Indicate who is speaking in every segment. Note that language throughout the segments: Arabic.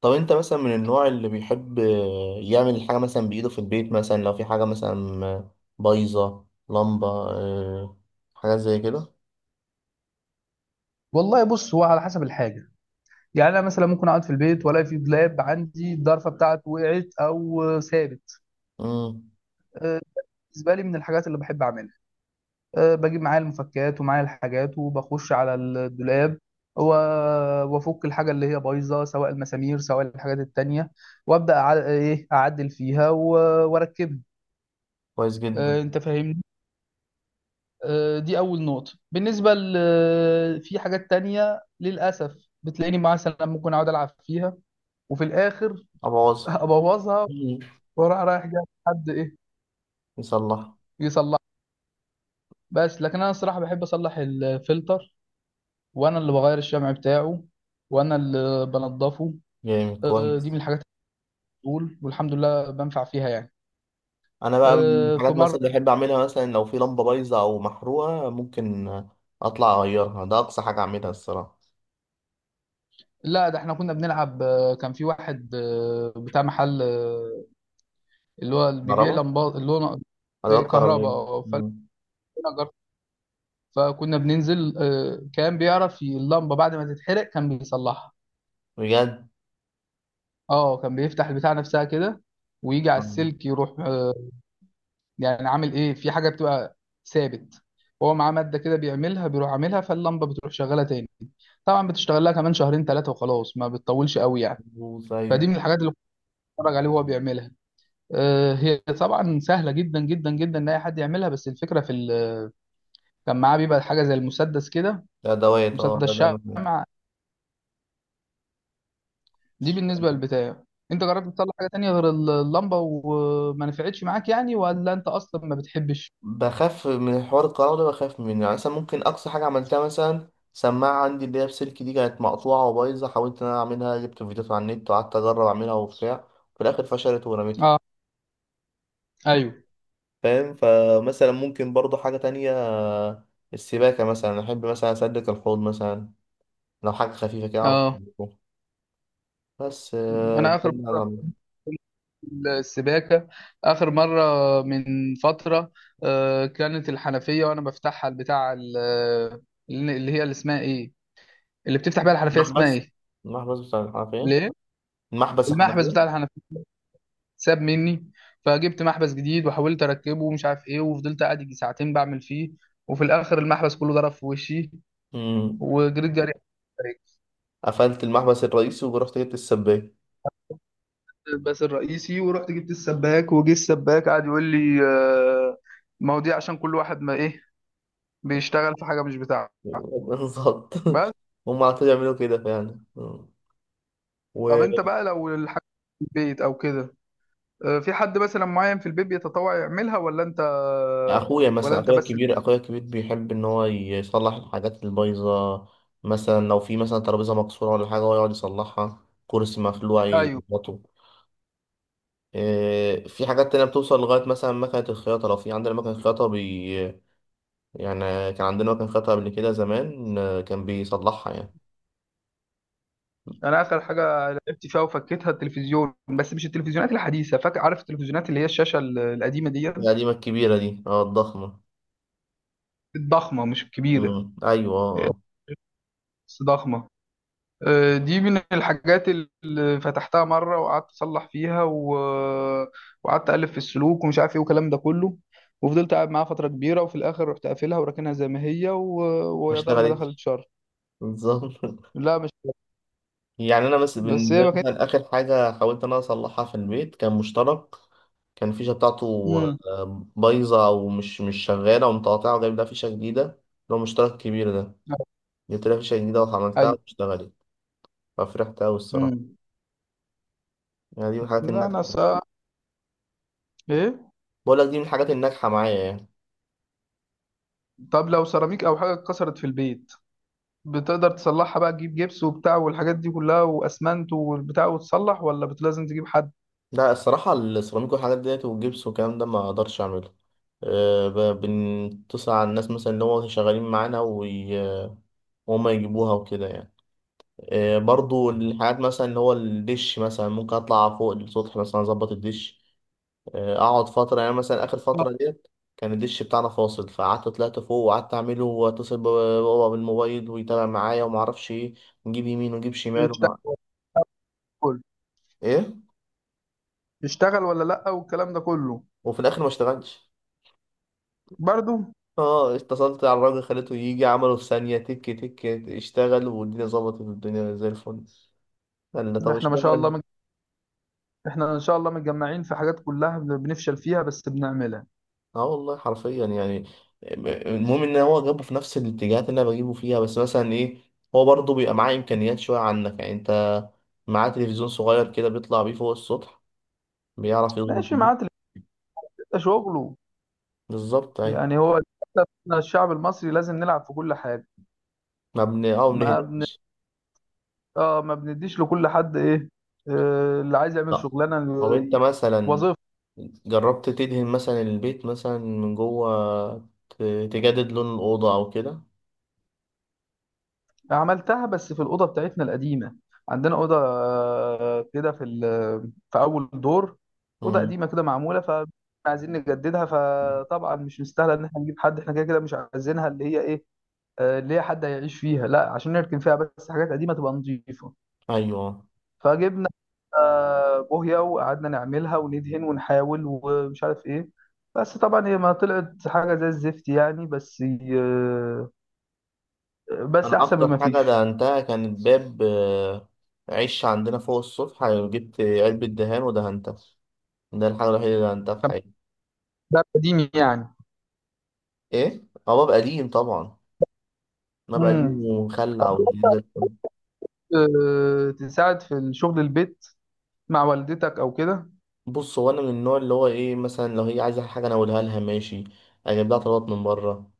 Speaker 1: طب، انت مثلا من النوع اللي بيحب، يعمل الحاجة مثلا بإيده في البيت. مثلا لو في حاجة مثلا بايظة، لمبة، حاجات زي كده.
Speaker 2: والله بص، هو على حسب الحاجه. يعني انا مثلا ممكن اقعد في البيت والاقي في دولاب عندي الضرفه بتاعته وقعت او ثابت.
Speaker 1: امم
Speaker 2: آه، بالنسبه لي من الحاجات اللي بحب اعملها، بجيب معايا المفكات ومعايا الحاجات وبخش على الدولاب و- وافك الحاجه اللي هي بايظه، سواء المسامير سواء الحاجات التانية، وابدا ايه اعدل فيها واركبها.
Speaker 1: كويس جدا.
Speaker 2: آه، انت فاهمني. آه، دي اول نقطه. في حاجات تانية للاسف بتلاقيني مثلا ممكن اقعد العب فيها وفي الاخر
Speaker 1: أبوظها.
Speaker 2: ابوظها،
Speaker 1: مم.
Speaker 2: واروح رايح جاي حد ايه
Speaker 1: يصلحها.
Speaker 2: يصلح. بس لكن انا الصراحه بحب اصلح الفلتر، وانا اللي بغير الشمع بتاعه، وانا اللي بنضفه.
Speaker 1: جامد
Speaker 2: آه، دي من
Speaker 1: كويس.
Speaker 2: الحاجات اللي بتقول، والحمد لله بنفع فيها يعني.
Speaker 1: أنا بقى من
Speaker 2: آه، في
Speaker 1: الحاجات
Speaker 2: مره،
Speaker 1: مثلا اللي بحب أعملها، مثلا لو في لمبة بايظة أو محروقة ممكن أطلع أغيرها. ده أقصى حاجة أعملها الصراحة.
Speaker 2: لا ده احنا كنا بنلعب، كان في واحد، بتاع محل، اللي هو اللي بيبيع
Speaker 1: كهرباء.
Speaker 2: لمبات، اللي هو
Speaker 1: أدوات
Speaker 2: كهرباء.
Speaker 1: كهربائية.
Speaker 2: آه،
Speaker 1: مم.
Speaker 2: فأنا جربت. فكنا بننزل، كان بيعرف اللمبه بعد ما تتحرق كان بيصلحها.
Speaker 1: بجد.
Speaker 2: اه كان بيفتح البتاع نفسها كده ويجي على
Speaker 1: طب،
Speaker 2: السلك يروح، يعني عامل ايه، في حاجه بتبقى ثابت هو معاه ماده كده بيعملها، بيروح عاملها فاللمبه بتروح شغاله تاني. طبعا بتشتغل لها كمان شهرين ثلاثه وخلاص، ما بتطولش قوي يعني.
Speaker 1: بوظ، أيوه.
Speaker 2: فدي من الحاجات اللي كنت بتفرج عليه وهو بيعملها. آه، هي طبعا سهله جدا جدا جدا ان اي حد يعملها، بس الفكره في كان معاه بيبقى حاجه زي المسدس كده،
Speaker 1: ده أدوات
Speaker 2: مسدس
Speaker 1: ده أنا
Speaker 2: شمع. دي بالنسبه للبتاع. انت جربت تطلع حاجه تانية غير اللمبه وما نفعتش معاك يعني، ولا انت اصلا ما بتحبش؟
Speaker 1: بخاف من حوار الكهرباء ده، بخاف منه. يعني مثلا ممكن أقصى حاجة عملتها مثلا سماعة عندي اللي هي بسلك دي، كانت مقطوعة وبايظة، حاولت إن أنا أعملها، جبت فيديوهات على النت وقعدت أجرب أعملها وبتاع. في الآخر فشلت ورميتها.
Speaker 2: اه. ايوه.
Speaker 1: فاهم؟ فمثلا ممكن برضو حاجة تانية، السباكة مثلا، أحب مثلا أسلك الحوض مثلا. لو حاجة خفيفة كده أعرف
Speaker 2: اه
Speaker 1: أسلكه. بس
Speaker 2: انا
Speaker 1: ده
Speaker 2: اخر
Speaker 1: اللي أقدر أعمله.
Speaker 2: السباكة، آخر مرة، من فترة، آه، كانت الحنفية وأنا بفتحها، اللي هي اللي اسمها إيه، اللي بتفتح بيها الحنفية اسمها
Speaker 1: محبس.
Speaker 2: إيه؟
Speaker 1: المحبس بتاع الحنفية.
Speaker 2: ليه
Speaker 1: المحبس
Speaker 2: المحبس بتاع
Speaker 1: الحنفية.
Speaker 2: الحنفية ساب مني، فجبت محبس جديد وحاولت أركبه ومش عارف إيه، وفضلت قاعد يجي ساعتين بعمل فيه، وفي الآخر المحبس كله ضرب في وشي
Speaker 1: مم.
Speaker 2: وجريت جري.
Speaker 1: قفلت المحبس الرئيسي ورحت جبت السباك.
Speaker 2: بس الرئيسي، ورحت جبت السباك، وجه السباك قعد يقول لي، آه، ما هو دي عشان كل واحد ما ايه، بيشتغل في حاجه مش بتاعته.
Speaker 1: بالظبط.
Speaker 2: بس.
Speaker 1: هم على طول يعملوا كده فعلا. مم.
Speaker 2: طب انت بقى لو الحاجه في البيت او كده، آه، في حد مثلا معين في البيت بيتطوع يعملها، ولا انت
Speaker 1: واخويا
Speaker 2: ولا
Speaker 1: مثلا
Speaker 2: انت
Speaker 1: اخويا
Speaker 2: بس؟
Speaker 1: الكبير اخويا الكبير بيحب ان هو يصلح الحاجات البايظه. مثلا لو في مثلا ترابيزه مكسوره ولا حاجه، هو يقعد يصلحها. كرسي مخلوع
Speaker 2: ايوه.
Speaker 1: يظبطه. إيه، في حاجات تانية بتوصل لغاية مثلا مكنة الخياطة. لو في عندنا مكنة خياطة يعني، كان عندنا مكنة خياطة قبل كده زمان، كان بيصلحها يعني.
Speaker 2: انا اخر حاجه لعبت فيها وفكيتها التلفزيون، بس مش التلفزيونات الحديثه، فاكر عارف التلفزيونات اللي هي القديمه دي،
Speaker 1: القديمة الكبيرة دي، الضخمة.
Speaker 2: الضخمه مش الكبيره.
Speaker 1: مم. أيوه، آه،
Speaker 2: آه،
Speaker 1: آه.
Speaker 2: بس ضخمه. آه، دي من الحاجات اللي فتحتها مرة وقعدت أصلح فيها و... وقعدت ألف في السلوك ومش عارف إيه والكلام ده كله، وفضلت قاعد معاها فترة كبيرة، وفي الآخر رحت قافلها وراكنها زي ما هي و...
Speaker 1: ما
Speaker 2: ويا دار ما دخلت
Speaker 1: اشتغلتش.
Speaker 2: شر.
Speaker 1: بالظبط.
Speaker 2: لا مش
Speaker 1: يعني انا مثلا
Speaker 2: بس
Speaker 1: بالنسبه
Speaker 2: هي
Speaker 1: لي
Speaker 2: ما كانت.
Speaker 1: مثلا، اخر حاجه حاولت ان انا اصلحها في البيت كان مشترك. كان الفيشه بتاعته
Speaker 2: مم.
Speaker 1: بايظه، او مش شغاله ومتقاطعه، وجايب لها فيشه جديده، اللي هو مشترك كبير ده. جبت لها فيشه جديده وعملتها
Speaker 2: أيوه.
Speaker 1: واشتغلت. ففرحت قوي الصراحه.
Speaker 2: مم.
Speaker 1: يعني دي من الحاجات
Speaker 2: لا
Speaker 1: الناجحه.
Speaker 2: أنا سا... إيه.
Speaker 1: بقول لك دي من الحاجات الناجحه معايا يعني.
Speaker 2: طب لو سيراميك أو حاجة اتكسرت في البيت، بتقدر تصلحها بقى، تجيب جبس وبتاع والحاجات دي كلها، وأسمنت والبتاع، وتصلح، لازم تجيب حد؟
Speaker 1: لا الصراحه السيراميك والحاجات ديت والجبس والكلام ده ما اقدرش اعمله. أه بنتصل على الناس مثلا اللي هو شغالين معانا وهم يجيبوها وكده يعني. برضو الحاجات مثلا اللي هو الدش مثلا ممكن اطلع فوق السطح مثلا اظبط الدش. اقعد فتره، يعني مثلا اخر
Speaker 2: آه،
Speaker 1: فتره ديت كان الدش بتاعنا فاصل. فقعدت طلعت فوق وقعدت اعمله واتصل بابا، بابا بالموبايل ويتابع معايا وما اعرفش ايه. نجيب يمين ونجيب شمال ومع...
Speaker 2: تشتغل.
Speaker 1: ايه.
Speaker 2: يشتغل ولا لا، والكلام ده كله.
Speaker 1: وفي الاخر ما اشتغلش.
Speaker 2: برضو.
Speaker 1: اه اتصلت على الراجل خليته يجي، عمله في ثانيه تك تك، اشتغل والدنيا ظبطت والدنيا زي الفل. قال لي طب
Speaker 2: احنا ما شاء الله
Speaker 1: اشمعنى.
Speaker 2: مج... احنا ان شاء الله متجمعين في حاجات كلها بنفشل فيها بس بنعملها.
Speaker 1: اه والله حرفيا يعني. المهم ان هو جابه في نفس الاتجاهات اللي انا بجيبه فيها. بس مثلا ايه، هو برضه بيبقى معاه امكانيات شويه عنك، يعني انت. معاه تلفزيون صغير كده بيطلع بيه فوق السطح، بيعرف يظبط
Speaker 2: ماشي
Speaker 1: بيه.
Speaker 2: معاه اللي بيبقى شغله.
Speaker 1: بالظبط اهي.
Speaker 2: يعني هو للأسف إحنا الشعب المصري لازم نلعب في كل حاجه.
Speaker 1: ما بن اه ما
Speaker 2: ما بن...
Speaker 1: بنهدمش.
Speaker 2: اه ما بنديش لكل حد ايه، آه اللي عايز يعمل
Speaker 1: لا.
Speaker 2: شغلانه،
Speaker 1: طب، انت مثلا
Speaker 2: وظيفه.
Speaker 1: جربت تدهن مثلا البيت مثلا من جوه تجدد لون الاوضه او كده؟
Speaker 2: عملتها بس في الأوضة بتاعتنا القديمة. عندنا أوضة آه، كده في في أول دور، أوضة
Speaker 1: امم
Speaker 2: قديمة كده معمولة، فعايزين نجددها، فطبعا مش مستاهلة إن إحنا نجيب حد، إحنا كده كده مش عايزينها اللي هي إيه، آه، اللي هي حد هيعيش فيها، لا عشان نركن فيها بس، حاجات قديمة تبقى نظيفة.
Speaker 1: ايوه.
Speaker 2: فجبنا آه، بوهية، وقعدنا نعملها وندهن ونحاول ومش عارف إيه، بس طبعا هي ما طلعت حاجة زي الزفت يعني، بس آه،
Speaker 1: انا
Speaker 2: بس أحسن
Speaker 1: اكتر
Speaker 2: مما
Speaker 1: حاجه
Speaker 2: فيش.
Speaker 1: دهنتها كانت باب، عش عندنا فوق السطح، جبت علبه دهان ودهنتها. ده الحاجه الوحيده اللي دهنتها في حياتي.
Speaker 2: ده قديم يعني.
Speaker 1: ايه، هو باب قديم طبعا. باب قديم
Speaker 2: امم.
Speaker 1: ومخلع والدنيا زي الفل.
Speaker 2: آه، تساعد في الشغل البيت مع والدتك او كده.
Speaker 1: بص، هو انا من النوع اللي هو ايه، مثلا لو هي عايزه حاجه انا اقولها لها ماشي، اجيب لها طلبات من بره.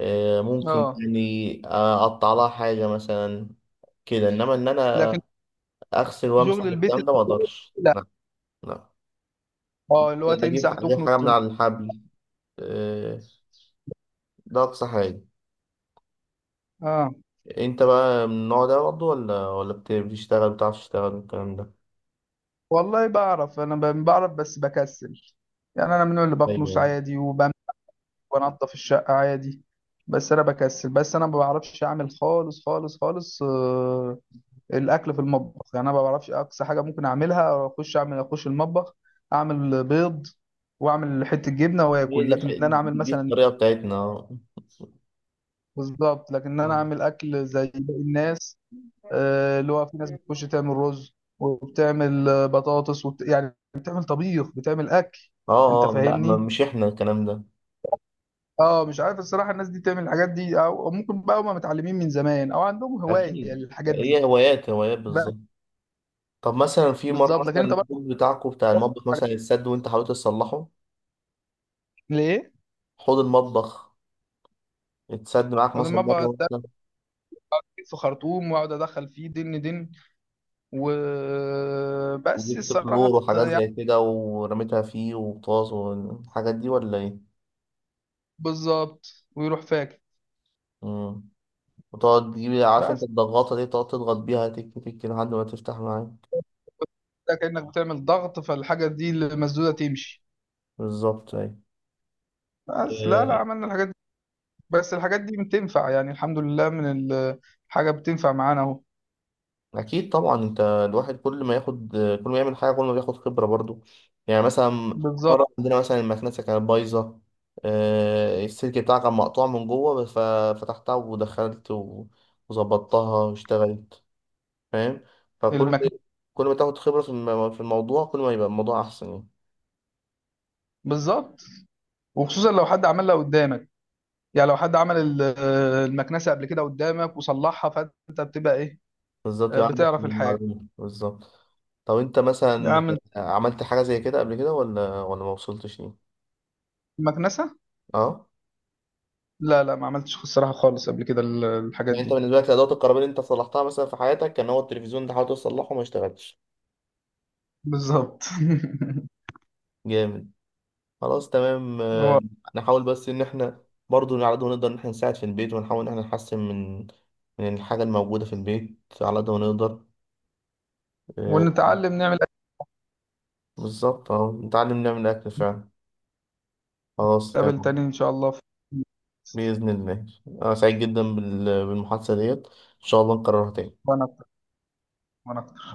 Speaker 1: ممكن
Speaker 2: اه
Speaker 1: يعني، اقطع لها حاجه مثلا كده. انما ان
Speaker 2: لكن
Speaker 1: انا اغسل وامسح
Speaker 2: شغل البيت،
Speaker 1: والكلام ده ما اقدرش
Speaker 2: لا.
Speaker 1: لا. لا.
Speaker 2: اه اللي هو
Speaker 1: اجيب اجيب
Speaker 2: تمسح تكنس.
Speaker 1: حاجه من على الحبل. آه، ده أقصى حاجة.
Speaker 2: اه
Speaker 1: أنت بقى من النوع ده برضه ولا بتشتغل، بتعرف تشتغل والكلام ده؟
Speaker 2: والله بعرف، انا بعرف بس بكسل. يعني انا من اللي بكنس
Speaker 1: أيوه.
Speaker 2: عادي وبمسح وانضف الشقه عادي، بس انا بكسل، بس انا ما بعرفش اعمل خالص خالص خالص. آه الاكل في المطبخ يعني انا ما بعرفش، اقصى حاجه ممكن اعملها اخش اعمل اخش المطبخ، اعمل بيض واعمل حته جبنه
Speaker 1: هي
Speaker 2: واكل.
Speaker 1: دي الح...
Speaker 2: لكن انا اعمل
Speaker 1: دي
Speaker 2: مثلا،
Speaker 1: الطريقة بتاعتنا.
Speaker 2: بالظبط، لكن انا
Speaker 1: أه
Speaker 2: اعمل اكل زي باقي الناس، اللي هو في ناس بتخش تعمل رز وبتعمل آه، بطاطس وبت... يعني بتعمل طبيخ بتعمل اكل.
Speaker 1: أه
Speaker 2: انت
Speaker 1: آه، لا
Speaker 2: فاهمني،
Speaker 1: مش إحنا الكلام ده.
Speaker 2: اه مش عارف الصراحه الناس دي تعمل الحاجات دي، او أو ممكن بقى هم متعلمين من زمان او عندهم هوايه
Speaker 1: أكيد
Speaker 2: للحاجات دي.
Speaker 1: هي هوايات هوايات بالظبط.
Speaker 2: بس-
Speaker 1: طب مثلا في مرة
Speaker 2: بالظبط. لكن
Speaker 1: مثلا
Speaker 2: انت بقى
Speaker 1: الحوض بتاعكم بتاع المطبخ
Speaker 2: حاجات،
Speaker 1: مثلا اتسد وأنت حاولت تصلحه؟
Speaker 2: ليه؟
Speaker 1: حوض المطبخ اتسد معاك
Speaker 2: أول
Speaker 1: مثلا
Speaker 2: ما بقعد
Speaker 1: مرة مثلا.
Speaker 2: أركز في خرطوم وأقعد أدخل فيه دن دن، وبس
Speaker 1: وجبت كلور
Speaker 2: الصراحة
Speaker 1: وحاجات
Speaker 2: يعني.
Speaker 1: زي كده ورميتها فيه وطاس والحاجات دي، ولا إيه؟
Speaker 2: بالظبط، ويروح فاكر.
Speaker 1: مم. وتقعد تجيب، عارف انت
Speaker 2: بس
Speaker 1: الضغطة دي، تقعد تضغط بيها تك تك لحد ما تفتح معاك.
Speaker 2: ده كأنك بتعمل ضغط فالحاجة دي المسدودة تمشي.
Speaker 1: بالظبط اهي.
Speaker 2: بس لا
Speaker 1: آه،
Speaker 2: عملنا الحاجات دي. بس الحاجات دي بتنفع يعني الحمد لله، حاجة بتنفع معانا اهو.
Speaker 1: أكيد طبعا. أنت الواحد كل ما ياخد، كل ما يعمل حاجة كل ما بياخد خبرة برضو. يعني مثلا
Speaker 2: بالظبط.
Speaker 1: مرة عندنا مثلا المكنسة كانت بايظة. السلك بتاعها كان مقطوع من جوه. بس فتحتها ودخلت وظبطتها واشتغلت. فاهم؟ فكل
Speaker 2: المكن.
Speaker 1: كل ما تاخد خبرة في في الموضوع كل ما يبقى الموضوع أحسن يعني.
Speaker 2: بالظبط، وخصوصا لو حد عملها قدامك. يعني لو حد عمل المكنسة قبل كده قدامك وصلحها، فانت بتبقى ايه،
Speaker 1: بالظبط يبقى عندك
Speaker 2: بتعرف الحاجة.
Speaker 1: المعلومة بالظبط. طب انت
Speaker 2: يا
Speaker 1: مثلا
Speaker 2: عم.
Speaker 1: عملت حاجة زي كده قبل كده ولا ما وصلتش ليه؟
Speaker 2: المكنسة،
Speaker 1: اه.
Speaker 2: لا ما عملتش الصراحة خالص قبل كده الحاجات
Speaker 1: يعني انت
Speaker 2: دي.
Speaker 1: بالنسبة لك الأدوات الكهربائية اللي انت صلحتها مثلا في حياتك كان هو التلفزيون ده، حاولت تصلحه ما اشتغلش.
Speaker 2: بالظبط.
Speaker 1: جامد. خلاص تمام،
Speaker 2: هو.
Speaker 1: نحاول بس ان احنا برضو على قد ما نقدر ان احنا نساعد في البيت، ونحاول ان احنا نحسن من من الحاجة الموجودة في البيت على قد ما نقدر. آه،
Speaker 2: ونتعلم نعمل
Speaker 1: بالظبط اه نتعلم نعمل أكل فعلا. خلاص
Speaker 2: قبل
Speaker 1: تمام.
Speaker 2: تاني ان شاء الله
Speaker 1: بإذن الله. أنا سعيد جدا بالمحادثة ديت، إن شاء الله نكررها تاني.
Speaker 2: وانا، وانا.